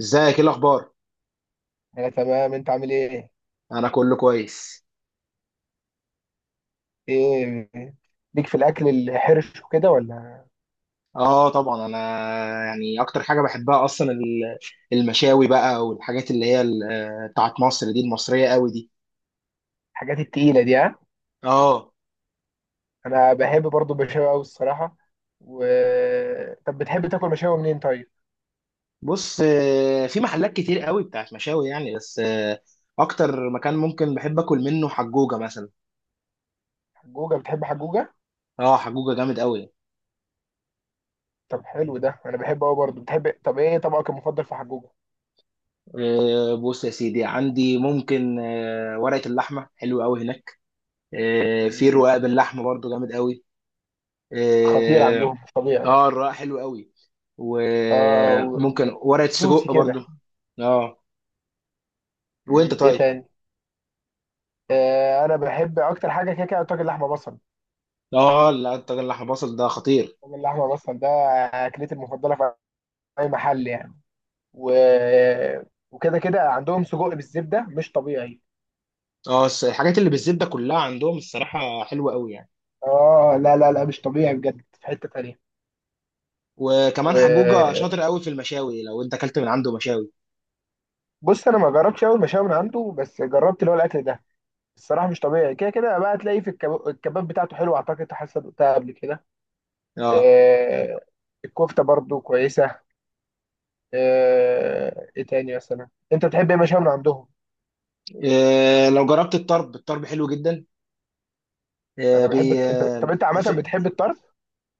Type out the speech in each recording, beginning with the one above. ازيك، ايه الاخبار؟ انا تمام، انت عامل ايه؟ انا كله كويس. ايه؟ ليك في الاكل الحرش وكده ولا؟ اه، طبعا، انا يعني اكتر حاجه بحبها اصلا المشاوي بقى، والحاجات اللي هي بتاعت مصر دي، المصريه قوي دي. الحاجات التقيله دي، ها؟ اه، انا بحب برضو المشاوي قوي الصراحه. و طب بتحب تاكل مشاوي منين طيب؟ بص، في محلات كتير قوي بتاعت مشاوي يعني، بس اكتر مكان ممكن بحب اكل منه حجوجه مثلا. حجوجه؟ بتحب حجوجه؟ اه، حجوجه جامد قوي. طب حلو، ده انا بحبه قوي برضو. بتحب؟ طب ايه طبقك المفضل في حجوجه؟ بص يا سيدي، عندي ممكن ورقه اللحمه حلو قوي هناك. في مم. الرقاق باللحمه برضو جامد قوي. خطير آه، عندهم، مش طبيعي. اه، الرقاق حلو قوي، اه، وممكن ورقة جوسي سجق كده. برضو. اه، وانت مم. ايه طيب؟ تاني؟ انا بحب اكتر حاجه كده كده طاجن لحمه بصل. اه، لا، الطاجن اللحمة بصل ده خطير. طاجن لحمه بصل ده اكلتي المفضله في اي محل يعني. و... وكده كده عندهم سجق بالزبده مش طبيعي. اه، الحاجات اللي بالزبدة كلها عندهم الصراحة حلوة قوي يعني. اه، لا لا لا مش طبيعي بجد، في حته تانيه. وكمان حجوجة وبص، شاطر قوي في المشاوي لو انت اكلت من عنده مشاوي. انا ما جربتش اول مشاوي من عنده، بس جربت اللي هو الاكل ده. الصراحه مش طبيعي، كده كده بقى تلاقيه في الكباب بتاعته حلو، اعتقد حاسه دقتها قبل كده. اه. آه الكفته برضو كويسه. ايه تاني مثلا، انت بتحب ايه مشاوي من عندهم؟ لو جربت الطرب، الطرب حلو جدا. إيه، بي طب انت عامه بتحب الطرف؟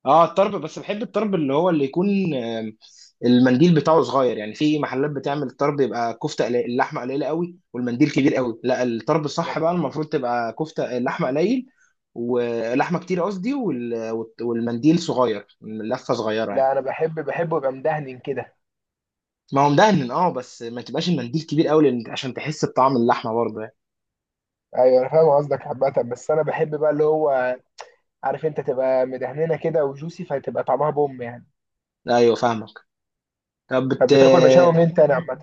اه، الطرب، بس بحب الطرب اللي هو اللي يكون المنديل بتاعه صغير يعني. في محلات بتعمل الطرب يبقى كفته قليل، اللحمه قليله قوي والمنديل كبير قوي. لا، الطرب الصح انا بقى المفروض تبقى كفته اللحمه قليل ولحمه كتير قصدي، والمنديل صغير، اللفه صغيره يعني. لا انا بحبه يبقى مدهن كده. ما هو مدهن اه، بس ما تبقاش المنديل كبير قوي، لان عشان تحس بطعم اللحمه برضه يعني. ايوه انا فاهم قصدك عامة، بس انا بحب بقى اللي هو، عارف انت، تبقى مدهننه كده وجوسي، فتبقى طعمها بوم يعني. ايوه فاهمك. طب بت... طب بتاكل مشاوي منين تاني عامة؟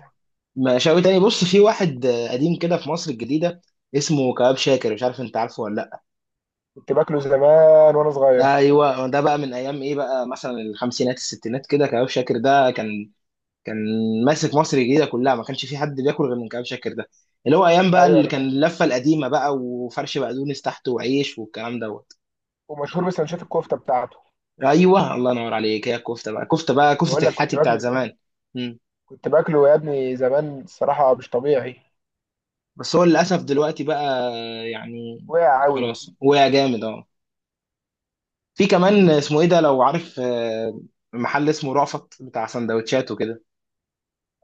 مشاوي تاني، بص، في واحد قديم كده في مصر الجديده، اسمه كباب شاكر، مش عارف انت عارفه ولا. كنت باكله زمان وانا ده صغير. ايوه، ده بقى من ايام ايه بقى، مثلا الخمسينات الستينات كده. كباب شاكر ده كان ماسك مصر الجديده كلها، ما كانش في حد بياكل غير من كباب شاكر ده. اللي هو ايام بقى ايوه اللي انا. كان اللفه القديمه بقى، وفرش بقدونس تحته وعيش والكلام دوت. ومشهور بسندوتشات الكفتة بتاعته. ايوه الله ينور عليك، هي الكفته بقى، انا كفته بقول لك كنت الحاتي بتاعت باكله. زمان. مم. كنت باكله يا ابني زمان، الصراحة مش طبيعي. بس هو للاسف دلوقتي بقى، يعني، وقع قوي. خلاص، وقع جامد اه. في كمان اسمه ايه ده لو عارف، محل اسمه رأفت بتاع سندوتشات وكده.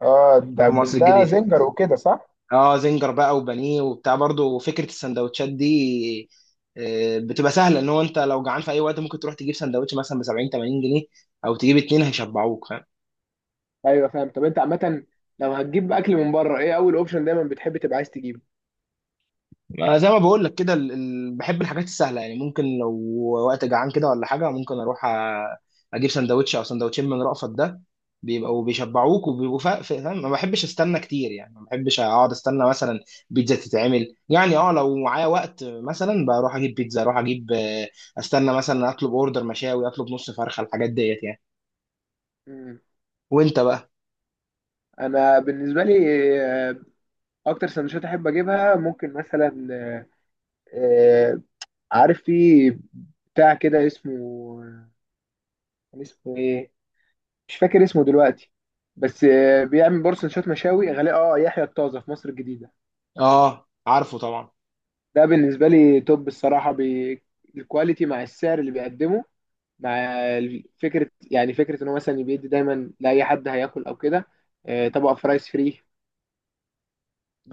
اه، في ده بس مصر ده الجديده. زنجر وكده، صح؟ اه، زنجر بقى وبانيه وبتاع برضه. فكره السندوتشات دي بتبقى سهله، ان هو انت لو جعان في اي وقت ممكن تروح تجيب سندوتش مثلا ب 70 80 جنيه، او تجيب اتنين هيشبعوك. ايوه فاهم. طب انت عامة، لو هتجيب اكل من بره ايه اول اوبشن دايما بتحب تبقى عايز تجيبه؟ ما زي ما بقول لك كده، بحب الحاجات السهله يعني. ممكن لو وقت جعان كده ولا حاجه، ممكن اروح اجيب سندوتش او سندوتشين من رأفت ده. بيبقوا بيشبعوك، وبيبقوا فاهم. ما بحبش استنى كتير يعني، ما بحبش اقعد استنى مثلا بيتزا تتعمل يعني. اه، لو معايا وقت مثلا بروح اجيب بيتزا، اروح اجيب استنى، مثلا اطلب اوردر مشاوي، اطلب نص فرخه، الحاجات ديت يعني. مم. وانت بقى؟ انا بالنسبه لي اكتر سندوتشات احب اجيبها ممكن مثلا، آه، عارف، في بتاع كده اسمه، كان اسمه ايه، مش فاكر اسمه دلوقتي، بس بيعمل برضه سندوتشات مشاوي غالي. اه، يحيى الطازه في مصر الجديدة. اه، عارفه طبعا. ده بالنسبة لي توب الصراحة. الكواليتي مع السعر اللي بيقدمه، مع فكرة يعني، فكرة ان هو مثلا بيدي دايما لأي حد هياكل او كده طبق فرايز فري.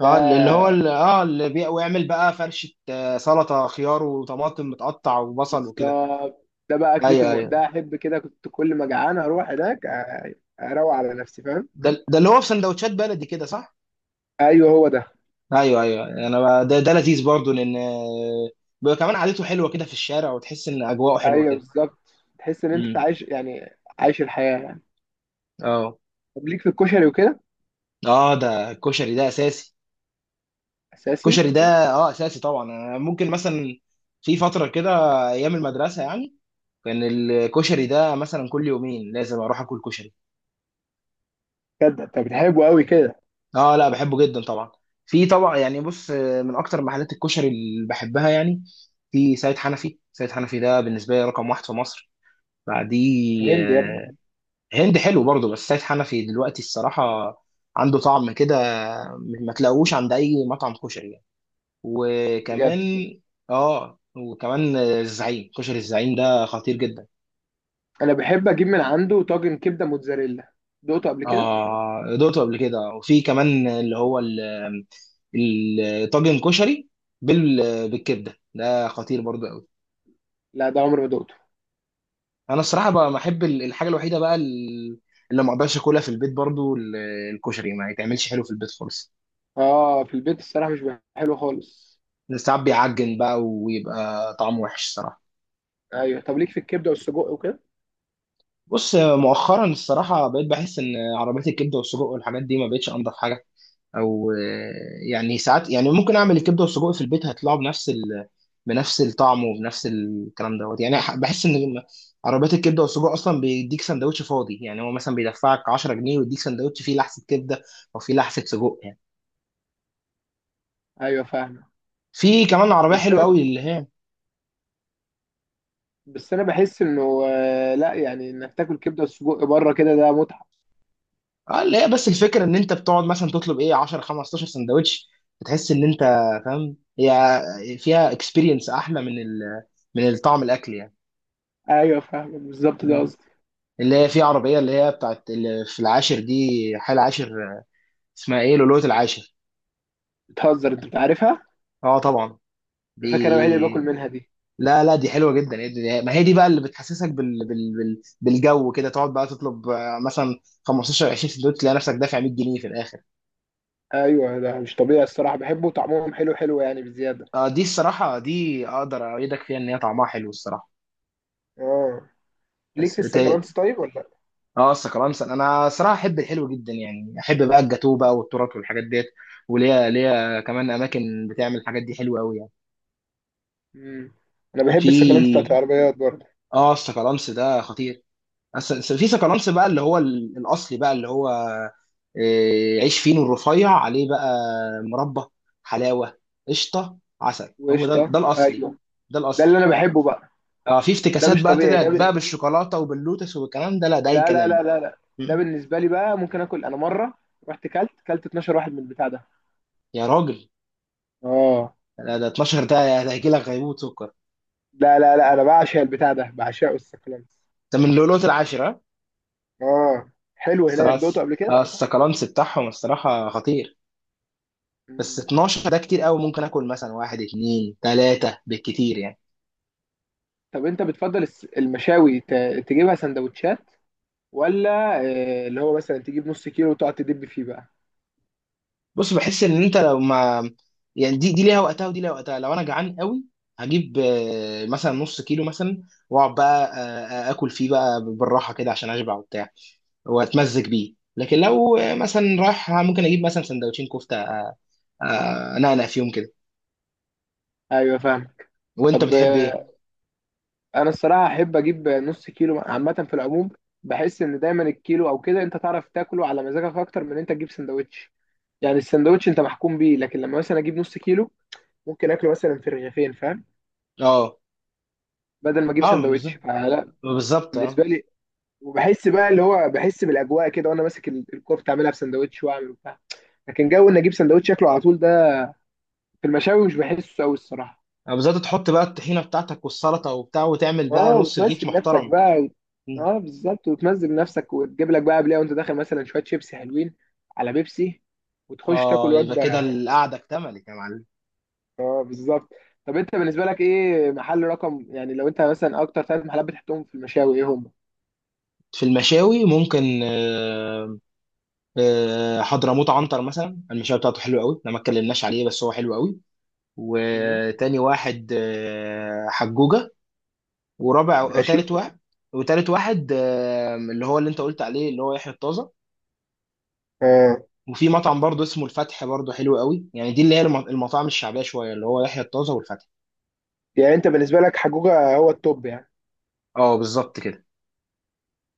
اه، اللي هو اللي اه، ويعمل بقى فرشة سلطة خيار وطماطم متقطع وبصل وكده. بالظبط، ده بقى اكلتي ايوه ايوه، ده احب كده، كنت كل ما جعان اروح هناك اروق على نفسي، فاهم؟ ده اللي هو في سندوتشات بلدي كده، صح؟ ايوه هو ده. ايوه ايوه، انا بقى ده لذيذ برضو لان بيبقى كمان قعدته حلوة كده في الشارع، وتحس ان اجواءه حلوة ايوه كده. بالظبط، تحس ان انت امم. عايش يعني، عايش الحياه يعني. اه. طب ليك في الكشري وكده؟ اه، ده الكشري ده اساسي. اساسي. الكشري ده، اه، اساسي طبعا. أنا ممكن مثلا في فترة كده، ايام المدرسة يعني، كان الكشري ده مثلا كل يومين لازم اروح اكل كشري. بجد انت بتحبه قوي كده؟ اه، لا، بحبه جدا طبعا. في طبعا يعني، بص من اكتر محلات الكشري اللي بحبها يعني، في سيد حنفي. سيد حنفي ده بالنسبه لي رقم واحد في مصر. بعديه هند يا ابني. هند، حلو برضه، بس سيد حنفي دلوقتي الصراحه عنده طعم كده ما تلاقوش عند اي مطعم كشري يعني. بجد. وكمان، اه، وكمان الزعيم، كشري الزعيم ده خطير جدا. انا بحب اجيب من عنده طاجن كبده موتزاريلا، دقته قبل كده؟ اه، دوقته قبل كده. وفي كمان اللي هو الطاجن كشري بالكبده ده خطير برضو قوي. لا، ده عمري ما دقته. انا الصراحه بقى بحب الحاجه الوحيده بقى اللي ما اقدرش اكلها في البيت برضو الكشري، ما يتعملش حلو في البيت خالص. اه، في البيت الصراحه مش بيبقى حلو خالص. ساعات بيعجن بقى ويبقى طعمه وحش الصراحه. ايوه، طب ليك في الكبده والسجق وكده؟ بص، مؤخرا الصراحه بقيت بحس ان عربيات الكبده والسجق والحاجات دي ما بقتش انضف حاجه، او يعني، ساعات يعني، ممكن اعمل الكبده والسجق في البيت هيطلعوا بنفس بنفس الطعم وبنفس الكلام دوت يعني. بحس ان لما عربيات الكبده والسجق اصلا بيديك سندوتش فاضي يعني، هو مثلا بيدفعك 10 جنيه ويديك سندوتش فيه لحسه كبده او فيه لحسه سجق يعني. ايوه فاهمه. في كمان عربيه بس حلوه انا قوي اللي هي، بس انا بحس انه، لا يعني، انك تاكل كبده وسجق بره كده ده متعه. اه، اللي هي بس الفكره ان انت بتقعد مثلا تطلب ايه 10 15 سندوتش، بتحس ان انت فاهم، هي فيها اكسبيرينس احلى من من الطعم الاكل ايوه فاهمك، بالظبط ده يعني. قصدي. اللي هي في عربية اللي هي بتاعت اللي في العاشر دي، حي العاشر، اسمها ايه، لؤلؤة العاشر. بتهزر، انت بتعرفها. اه طبعا. دي، انا فاكر انا الوحيد اللي باكل منها دي. لا لا، دي حلوة جدا. ما هي دي بقى اللي بتحسسك بالجو كده، تقعد بقى تطلب مثلا 15 20 سندوتش، تلاقي نفسك دافع 100 جنيه في الاخر. ايوه، ده مش طبيعي الصراحه، بحبه وطعمهم حلو حلو يعني بزياده. اه، دي الصراحة دي اقدر اؤيدك فيها، ان هي طعمها حلو الصراحة. اه. ليك بس في ت- السكالانس طيب ولا لا؟ اه، السكرانسل، انا صراحة احب الحلو جدا يعني، احب بقى الجاتوه بقى والتورت والحاجات ديت. وليا ليا كمان اماكن بتعمل الحاجات دي حلوة قوي يعني. امم. انا بحب السكالانس بتاعت في، العربيات برضه. اه، السكالانس ده خطير. بس في سكالانس بقى اللي هو الاصلي بقى اللي هو عيش فينو الرفيع عليه بقى، مربى، حلاوه، قشطه، عسل، هو ده، وقشطه، ده الاصلي. ايوه. ده ده الاصلي. اللي انا بحبه بقى. اه، في ده افتكاسات مش بقى طبيعي طلعت ده بقى بالشوكولاته وباللوتس والكلام ده، لا، ده اي لا لا كلام لا بقى. لا لا، ده م. بالنسبه لي بقى ممكن اكل، انا مره رحت كلت 12 واحد من البتاع ده. يا راجل، اه، لا، ده 12 ده هيجي لك غيبوبه سكر. لا لا لا، انا بعشق البتاع ده، بعشقه السكلانس. ده من لؤلؤه العاشره. اه، حلو هناك، الصراحه، دوقته قبل كده. السكالانس بتاعهم الصراحه خطير. بس مم. 12 ده كتير قوي، ممكن اكل مثلا واحد اتنين تلاته بالكتير يعني. طب انت بتفضل المشاوي تجيبها سندوتشات، ولا اللي هو مثلا تجيب نص كيلو وتقعد تدب فيه بقى؟ بص، بحس ان انت لو ما، يعني دي ليها وقتها، ودي ليها وقتها. لو انا جعان قوي هجيب مثلا نص كيلو مثلا، واقعد بقى اكل فيه بقى بالراحه كده عشان اشبع وبتاع، واتمزج بيه. لكن لو مثلا رايح ممكن اجيب مثلا سندوتشين كفته، انقنق فيهم كده. ايوه فاهمك. وانت طب بتحب ايه؟ انا الصراحه احب اجيب نص كيلو عامه في العموم. بحس ان دايما الكيلو او كده انت تعرف تاكله على مزاجك اكتر من انت تجيب سندوتش. يعني السندوتش انت محكوم بيه، لكن لما مثلا اجيب نص كيلو ممكن اكله مثلا في رغيفين، فاهم؟ اه، بدل ما اجيب اه، سندوتش بالظبط فلا. بالظبط اه. بالنسبه لي، وبحس بقى اللي هو، بحس بالاجواء كده وانا ماسك الكوره بتعملها في سندوتش واعمل وبتاع. لكن جو ان اجيب سندوتش شكله على طول ده في المشاوي مش بحسه قوي الصراحه. بالظبط، تحط بقى الطحينه بتاعتك والسلطه وبتاع، وتعمل اه، بقى نص رغيف وتمزج نفسك محترم. بقى اه بالظبط، وتمزج نفسك وتجيب لك بقى قبلها وانت داخل مثلا شويه شيبسي حلوين على بيبسي وتخش تاكل اه، يبقى وجبه. كده القعده اكتملت يا معلم. اه بالظبط. طب انت بالنسبه لك ايه محل رقم يعني، لو انت مثلا اكتر 3 محلات بتحطهم في المشاوي ايه هم؟ في المشاوي ممكن حضرموت عنتر مثلا، المشاوي بتاعته حلوه قوي، احنا ما اتكلمناش عليه، بس هو حلو قوي. مم. وتاني واحد حجوجه. ورابع ماشي. وتالت واحد وتالت واحد اللي هو اللي انت قلت عليه اللي هو يحيى الطازه. اه وفي مطعم برضه اسمه الفتح، برضه حلو قوي يعني. دي اللي هي المطاعم الشعبيه شويه، اللي هو يحيى الطازه والفتح. يعني انت بالنسبه لك حجوجه هو التوب يعني. اه، بالظبط كده.